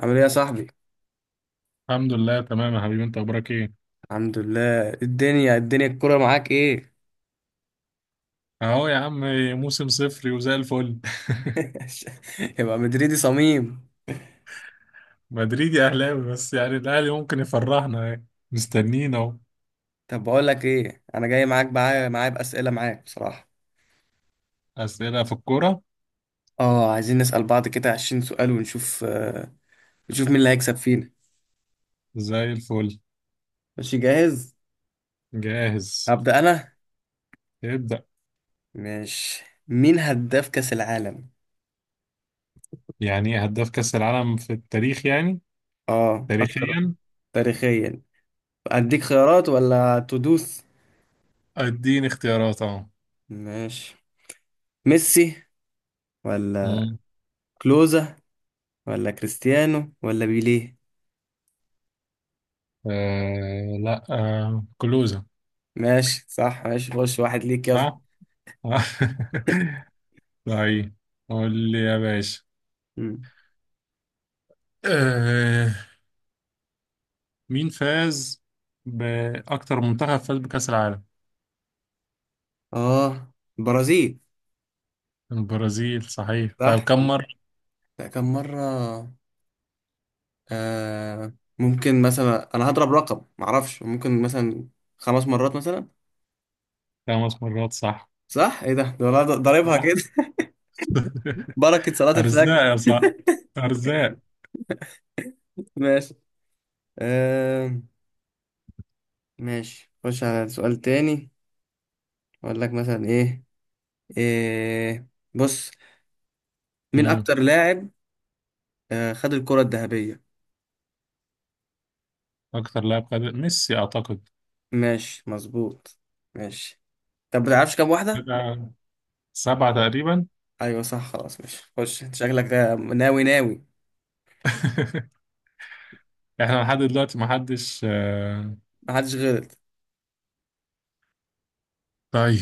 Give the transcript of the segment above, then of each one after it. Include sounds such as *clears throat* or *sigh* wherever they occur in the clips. عامل ايه يا صاحبي؟ الحمد لله تمام يا حبيبي، انت اخبارك ايه؟ الحمد لله. الدنيا الكرة معاك ايه؟ اهو يا عم. موسم صفري وزي الفل. *laughs* يبقى مدريدي صميم. *laughs* مدريدي اهلاوي بس يعني الاهلي ممكن يفرحنا يعني. مستنيين اهو. طب بقول لك ايه، انا جاي معاك، معايا بأسئلة معاك بصراحة. اسئله في الكوره. اه، عايزين نسأل بعض كده 20 سؤال ونشوف، نشوف مين اللي هيكسب فينا. زي الفل. ماشي؟ جاهز. جاهز. هبدأ انا. ابدا. ماشي، مين هداف كأس العالم؟ يعني ايه هداف كاس العالم في التاريخ يعني؟ اه، اكتر. تاريخيا. تاريخيا. اديك خيارات ولا تدوس؟ اديني اختيارات اهو. ماشي. ميسي، ولا مم. كلوزا، ولا كريستيانو، ولا بيليه؟ آه لا، آه كلوزة. ماشي، صح. ماشي، خش واحد ليك يلا. صح؟ *laughs* طيب قول لي يا مم. باشا، مين فاز بأكتر منتخب فاز بكأس العالم؟ اه، برازيل. البرازيل صحيح. طيب صح. كم مرة؟ لا، كم مرة. آه ممكن مثلا انا هضرب رقم، معرفش، ممكن مثلا خمس مرات مثلا. خمس مرات صح. صح. ايه ده والله، ضاربها كده. صح. *laughs* *laughs* بركة صلاة الفجر. أرزاق يا صح، أرزاق. ماشي. آه ماشي، خش على سؤال تاني. اقول لك مثلا ايه، إيه، بص، مين مم. اكتر لاعب خد الكرة الذهبية. أكتر لاعب خد ميسي أعتقد. ماشي، مظبوط. ماشي. طب بتعرفش كام واحدة؟ كده سبعة تقريبا. ايوه صح، خلاص. ماشي، خش، انت شكلك ده ناوي ناوي. *laughs* إحنا لحد دلوقتي محدش محدش غلط. طيب.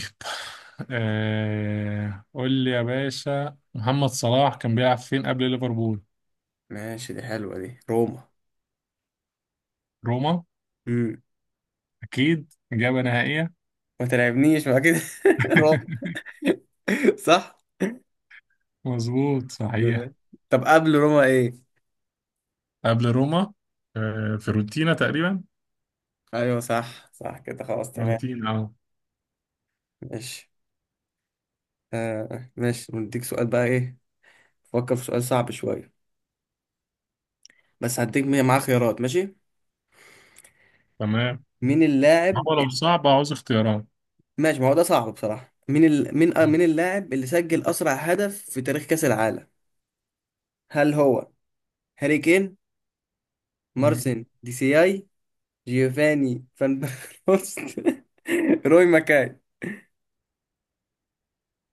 قول لي يا باشا، محمد صلاح كان بيلعب فين قبل ليفربول؟ ماشي، دي حلوه دي، روما. روما. امم. أكيد إجابة نهائية. ما تلعبنيش ما كده. *laughs* روما. *laughs* صح. مظبوط صحيح. طب قبل روما ايه؟ قبل روما، فيورنتينا تقريبا. ايوه صح، صح كده، خلاص تمام. فيورنتينا اه. ماشي. ماشي، نديك سؤال بقى، ايه. فكر في سؤال صعب شويه. بس هديك معاه خيارات. ماشي. تمام. مين اللاعب هو لو ال- صعب عاوز اختيارات. ماشي، ما هو ده صعب بصراحه. مين ال... مين آه، مين اللاعب اللي سجل اسرع هدف في تاريخ كاس العالم؟ هل هو هاري كين، مم. مارسن دي سي اي، جيوفاني فان بروست، *laughs* روي ماكاي؟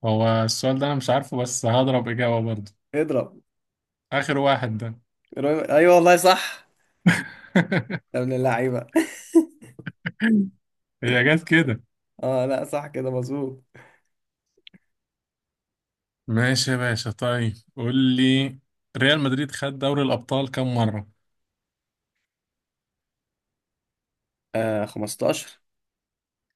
هو السؤال ده انا مش عارفه، بس هضرب اجابه برضه. اضرب. اخر واحد ده. روي، ايوه والله صح. *laughs* يا ابن اللعيبه. هي جت كده. *laughs* اه لا، صح كده، مظبوط. ماشي يا باشا، طيب قول لي، ريال مدريد خد دوري الابطال كم مره؟ 15.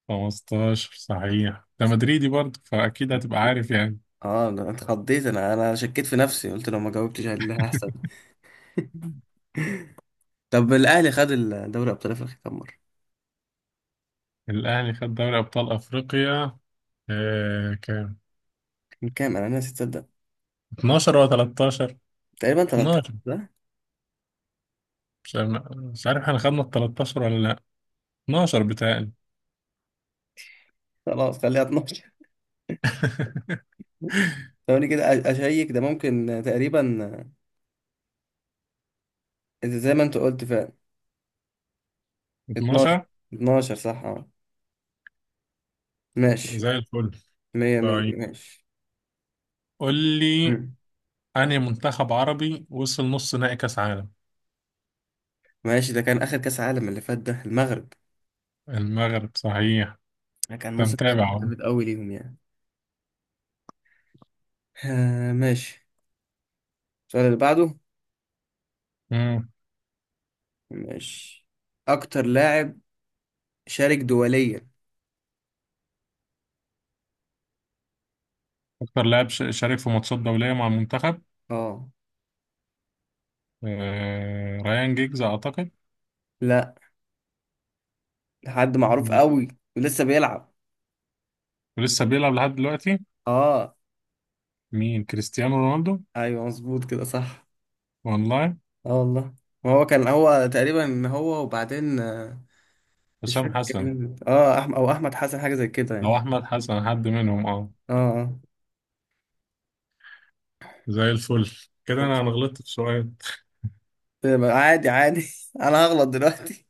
15 صحيح، ده مدريدي برضه فاكيد هتبقى عارف يعني. اه انا اتخضيت، انا شكيت في نفسي، قلت لو ما جاوبتش اللي هحصل. طب الاهلي خد الدوري ابطال افريقيا كام مره؟ الاهلي خد دوري ابطال افريقيا، آه كام؟ كان كام؟ انا ناسي تصدق. 12 ولا 13؟ تقريبا 13 ده. مش عارف احنا خدنا ال 13 ولا لا. 12 بتهيألي. خلاص، خليها 12. *laughs* ثواني كده، اشيك، ده ممكن تقريبا زي ما انت قلت فعلا. 12. 12. 12 صح اه. ماشي. زي الفل. مية مية. طيب ماشي. قول لي، مم. أنهي منتخب عربي وصل نص نهائي كأس عالم؟ ماشي، ده كان آخر كأس عالم اللي فات، ده المغرب. المغرب صحيح. ده كان أنت موسم متابع بصراحة أهو. جامد أوي ليهم يعني. ماشي. السؤال اللي بعده. مم. ماشي، أكتر لاعب شارك دوليا. أكتر لاعب شارك في ماتشات دولية مع المنتخب. اه. آه... ريان جيجز أعتقد. لا، حد معروف أوي، ولسه بيلعب. ولسه بيلعب لحد دلوقتي. اه. مين؟ كريستيانو رونالدو. أيوه مظبوط كده، صح. والله. اه والله. ما هو كان هو تقريبا، هو وبعدين مش حسام فاكر حسن كان مين. اه أحمد أو أحمد حسن، حاجة زي كده يعني. أو أحمد حسن، حد منهم أه. اه. زي الفل. كده أنا غلطت في سؤال. آه. عادي عادي. *laughs* أنا هغلط دلوقتي.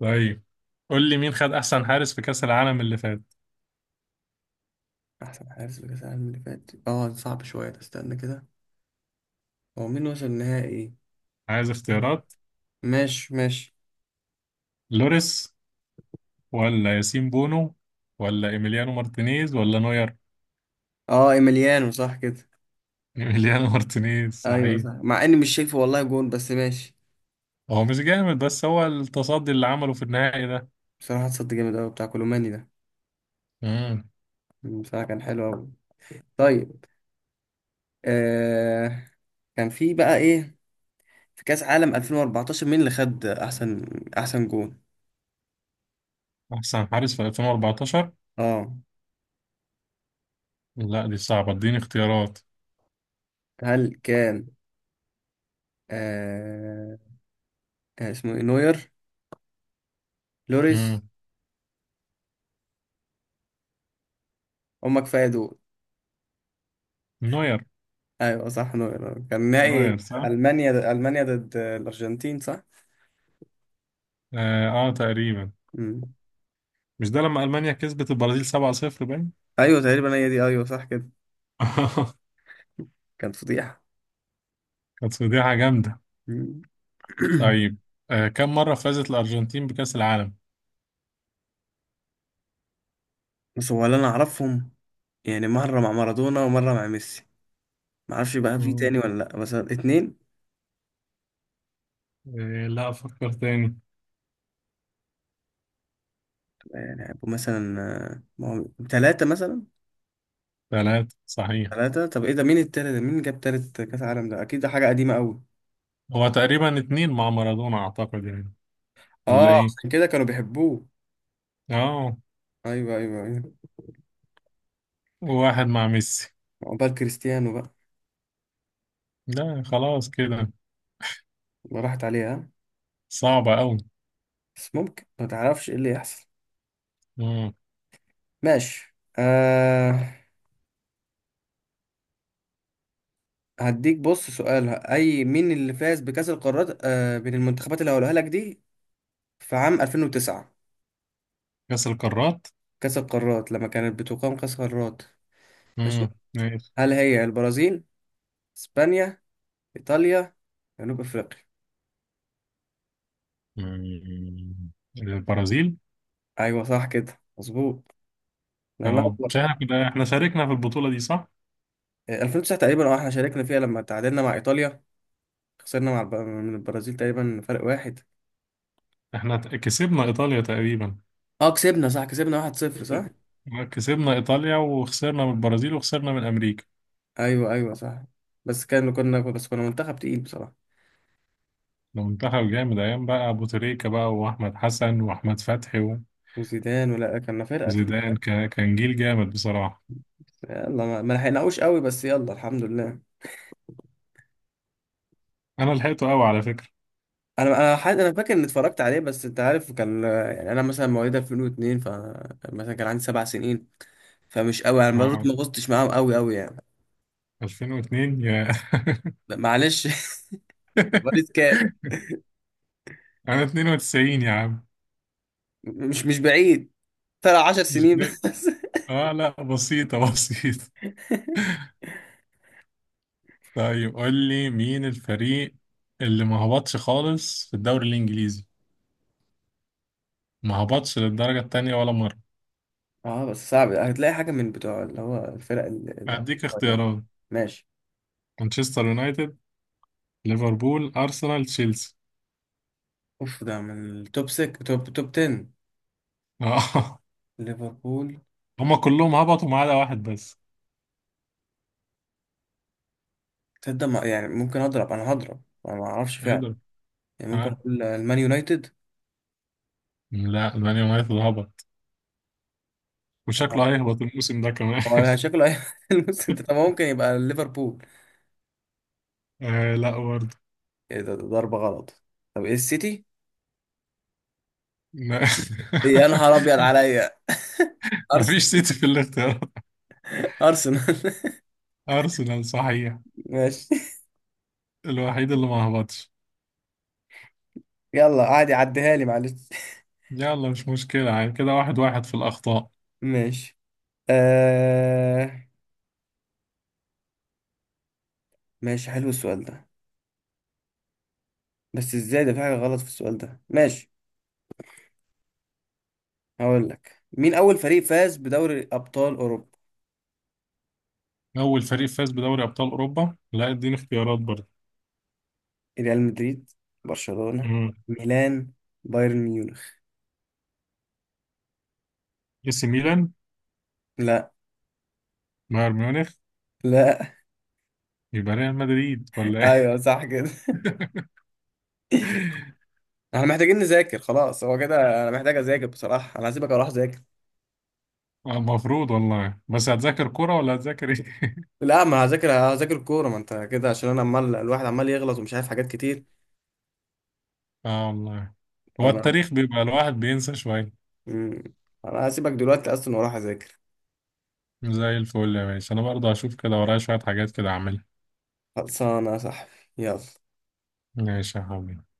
طيب قول لي، مين خد احسن حارس في كأس العالم اللي فات؟ أحسن حارس في كأس العالم اللي فات، صعب شوية ده، استنى كده. هو مين وصل النهائي؟ عايز اختيارات. ماشي ماشي. لوريس ولا ياسين بونو ولا ايميليانو مارتينيز ولا نوير؟ اه، ايميليانو، صح كده. ايميليانو *laughs* مارتينيز ايوه صحيح. صح، مع اني مش شايفه والله جون، بس ماشي. هو مش جامد، بس هو التصدي اللي عمله في النهائي ده. بصراحة اتصد جامد اوي بتاع كولوماني ده. امم. بصراحة كان حلو اوي. طيب. آه كان في بقى ايه، في كأس عالم 2014 مين اللي خد احسن، احسن جون؟ احسن حارس في 2014؟ اه. لا دي صعبة، اديني اختيارات. هل كان آه كان اسمه ايه، نوير، لوريس؟ امم. هما كفاية دول. نوير. ايوه صح، نوير. كان نهائي نوير صح. المانيا ضد الارجنتين، صح. اه، آه تقريبا. مم. مش ده لما المانيا كسبت البرازيل 7-0 باين؟ ايوه تقريبا، هي دي. ايوه صح كده. *laughs* كانت فضيحه. كانت فضيحة جامدة. مم. *clears throat* طيب، آه كم مرة فازت الارجنتين بكأس العالم؟ بس هو اللي انا اعرفهم، يعني مره مع مارادونا ومره مع ميسي. ما اعرفش بقى في مم. تاني ولا لا، بس اتنين. إيه، لا أفكر تاني. يعني هيبقوا مثلا، ما هو تلاتة مثلا. ثلاثة صحيح. تلاتة. طب ايه ده، مين التالت ده؟ مين جاب تالت كاس عالم ده؟ اكيد ده حاجه قديمه قوي. هو تقريبا اتنين مع مارادونا أعتقد يعني. ولا اه، إيه؟ عشان كده كانوا بيحبوه. آه. ايوه ايوه ايوه. وواحد مع ميسي. عقبال كريستيانو بقى. لا خلاص كده. ما راحت عليها. صعبة أوي. بس ممكن، ما تعرفش ايه اللي يحصل. مم. ماشي. هديك، بص، سؤال، اي مين اللي فاز بكأس القارات من المنتخبات اللي هقولها لك دي، في عام 2009؟ كأس القارات. كأس القارات، لما كانت بتقام كأس القارات. ماشي. ماشي. هل هي البرازيل، اسبانيا، ايطاليا، جنوب افريقيا؟ مم. البرازيل. ايوه صح كده، مظبوط. الله آه مش ينور. إحنا كده، إحنا شاركنا في البطولة دي صح؟ 2009 تقريبا، احنا شاركنا فيها، لما تعادلنا مع ايطاليا، خسرنا مع من البرازيل تقريبا فرق واحد. إحنا كسبنا إيطاليا تقريبا. اه كسبنا، صح، كسبنا 1-0 صح. كسبنا إيطاليا وخسرنا من البرازيل وخسرنا من أمريكا. ايوه ايوه صح. بس كان كنا بس كنا منتخب تقيل بصراحة، المنتخب جامد أيام بقى أبو تريكة بقى وأحمد حسن وأحمد فتحي. وزيدان، ولا كنا فرقة تقيلة. زيدان كان جيل جامد بصراحة. يلا ما لحقناهوش قوي بس يلا الحمد لله. أنا لحقته قوي على فكرة. انا فاكر اني اتفرجت عليه بس انت عارف، كان يعني انا مثلا مواليد 2002، ف مثلا كان عندي سبع سنين، فمش قوي يعني، برضه اه ما غصتش معاهم قوي قوي يعني. 2002 يا لا، معلش. *laughs* مواليد كام؟ *laughs* أنا 92 يا عم. مش بعيد، ترى 10 مش سنين بن... بس. *laughs* اه لا بسيطة *laughs* بسيطة. طيب قول لي، مين الفريق اللي ما هبطش خالص في الدوري الإنجليزي، ما هبطش للدرجة التانية ولا مرة؟ اه، بس صعب، هتلاقي حاجة من بتوع اللي هو الفرق أديك الصغيرة. اختيارات. ماشي. مانشستر يونايتد، ليفربول، أرسنال، تشيلسي. اوف، ده من التوب 6، توب 10. اه. ليفربول. *laughs* هما كلهم هبطوا ما عدا واحد بس. تصدق، يعني ممكن اضرب، انا هضرب. انا ما اعرفش فعلا. يقدر. يعني ممكن اه اقول المان يونايتد. لا، مان يونايتد هبط، طب وشكله هيهبط الموسم ده كمان. هو شكله *laughs* الموسم ده، طب هو ممكن يبقى ليفربول. *laughs* آه لا برضه. ايه ده ضربة غلط. طب ايه السيتي؟ ما- إيه، يا نهار ابيض عليا. *laughs* *laughs* مفيش ارسنال. سيتي في الاختيارات. *laughs* ارسنال. أرسنال صحيح، *laughs* ماشي. الوحيد اللي ما هبطش. يلا عادي، عديها لي معلش. يلا مش مشكلة يعني، كده واحد واحد في الأخطاء. ماشي. آه. ماشي، حلو السؤال ده، بس ازاي ده، في حاجة غلط في السؤال ده. ماشي. هقول لك مين أول فريق فاز بدوري أبطال أوروبا. أول فريق فاز بدوري أبطال أوروبا؟ لا اديني اختيارات برضه. ريال مدريد، برشلونة، مم. ميلان، بايرن ميونخ؟ اي سي ميلان. لا. بايرن ميونخ. لا. يبقى ريال مدريد ولا *laughs* ايه؟ ايوه صح كده. *laughs* احنا محتاجين نذاكر، خلاص هو كده، انا محتاج اذاكر بصراحه. انا هسيبك اروح اذاكر. المفروض والله، بس هتذاكر كرة ولا هتذاكر ايه؟ *laughs* لا، ما هذاكر، هذاكر الكوره، ما انت كده، عشان انا الواحد عمال يغلط ومش عارف حاجات كتير. اه والله. هو فانا. التاريخ بيبقى الواحد بينسى شوية. مم. انا هسيبك دلوقتي اصلا واروح اذاكر. زي الفل يا باشا، انا برضه هشوف كده ورايا شوية حاجات كده اعملها. خلصانه يا صاحبي. يلا. ماشي يا حبيبي.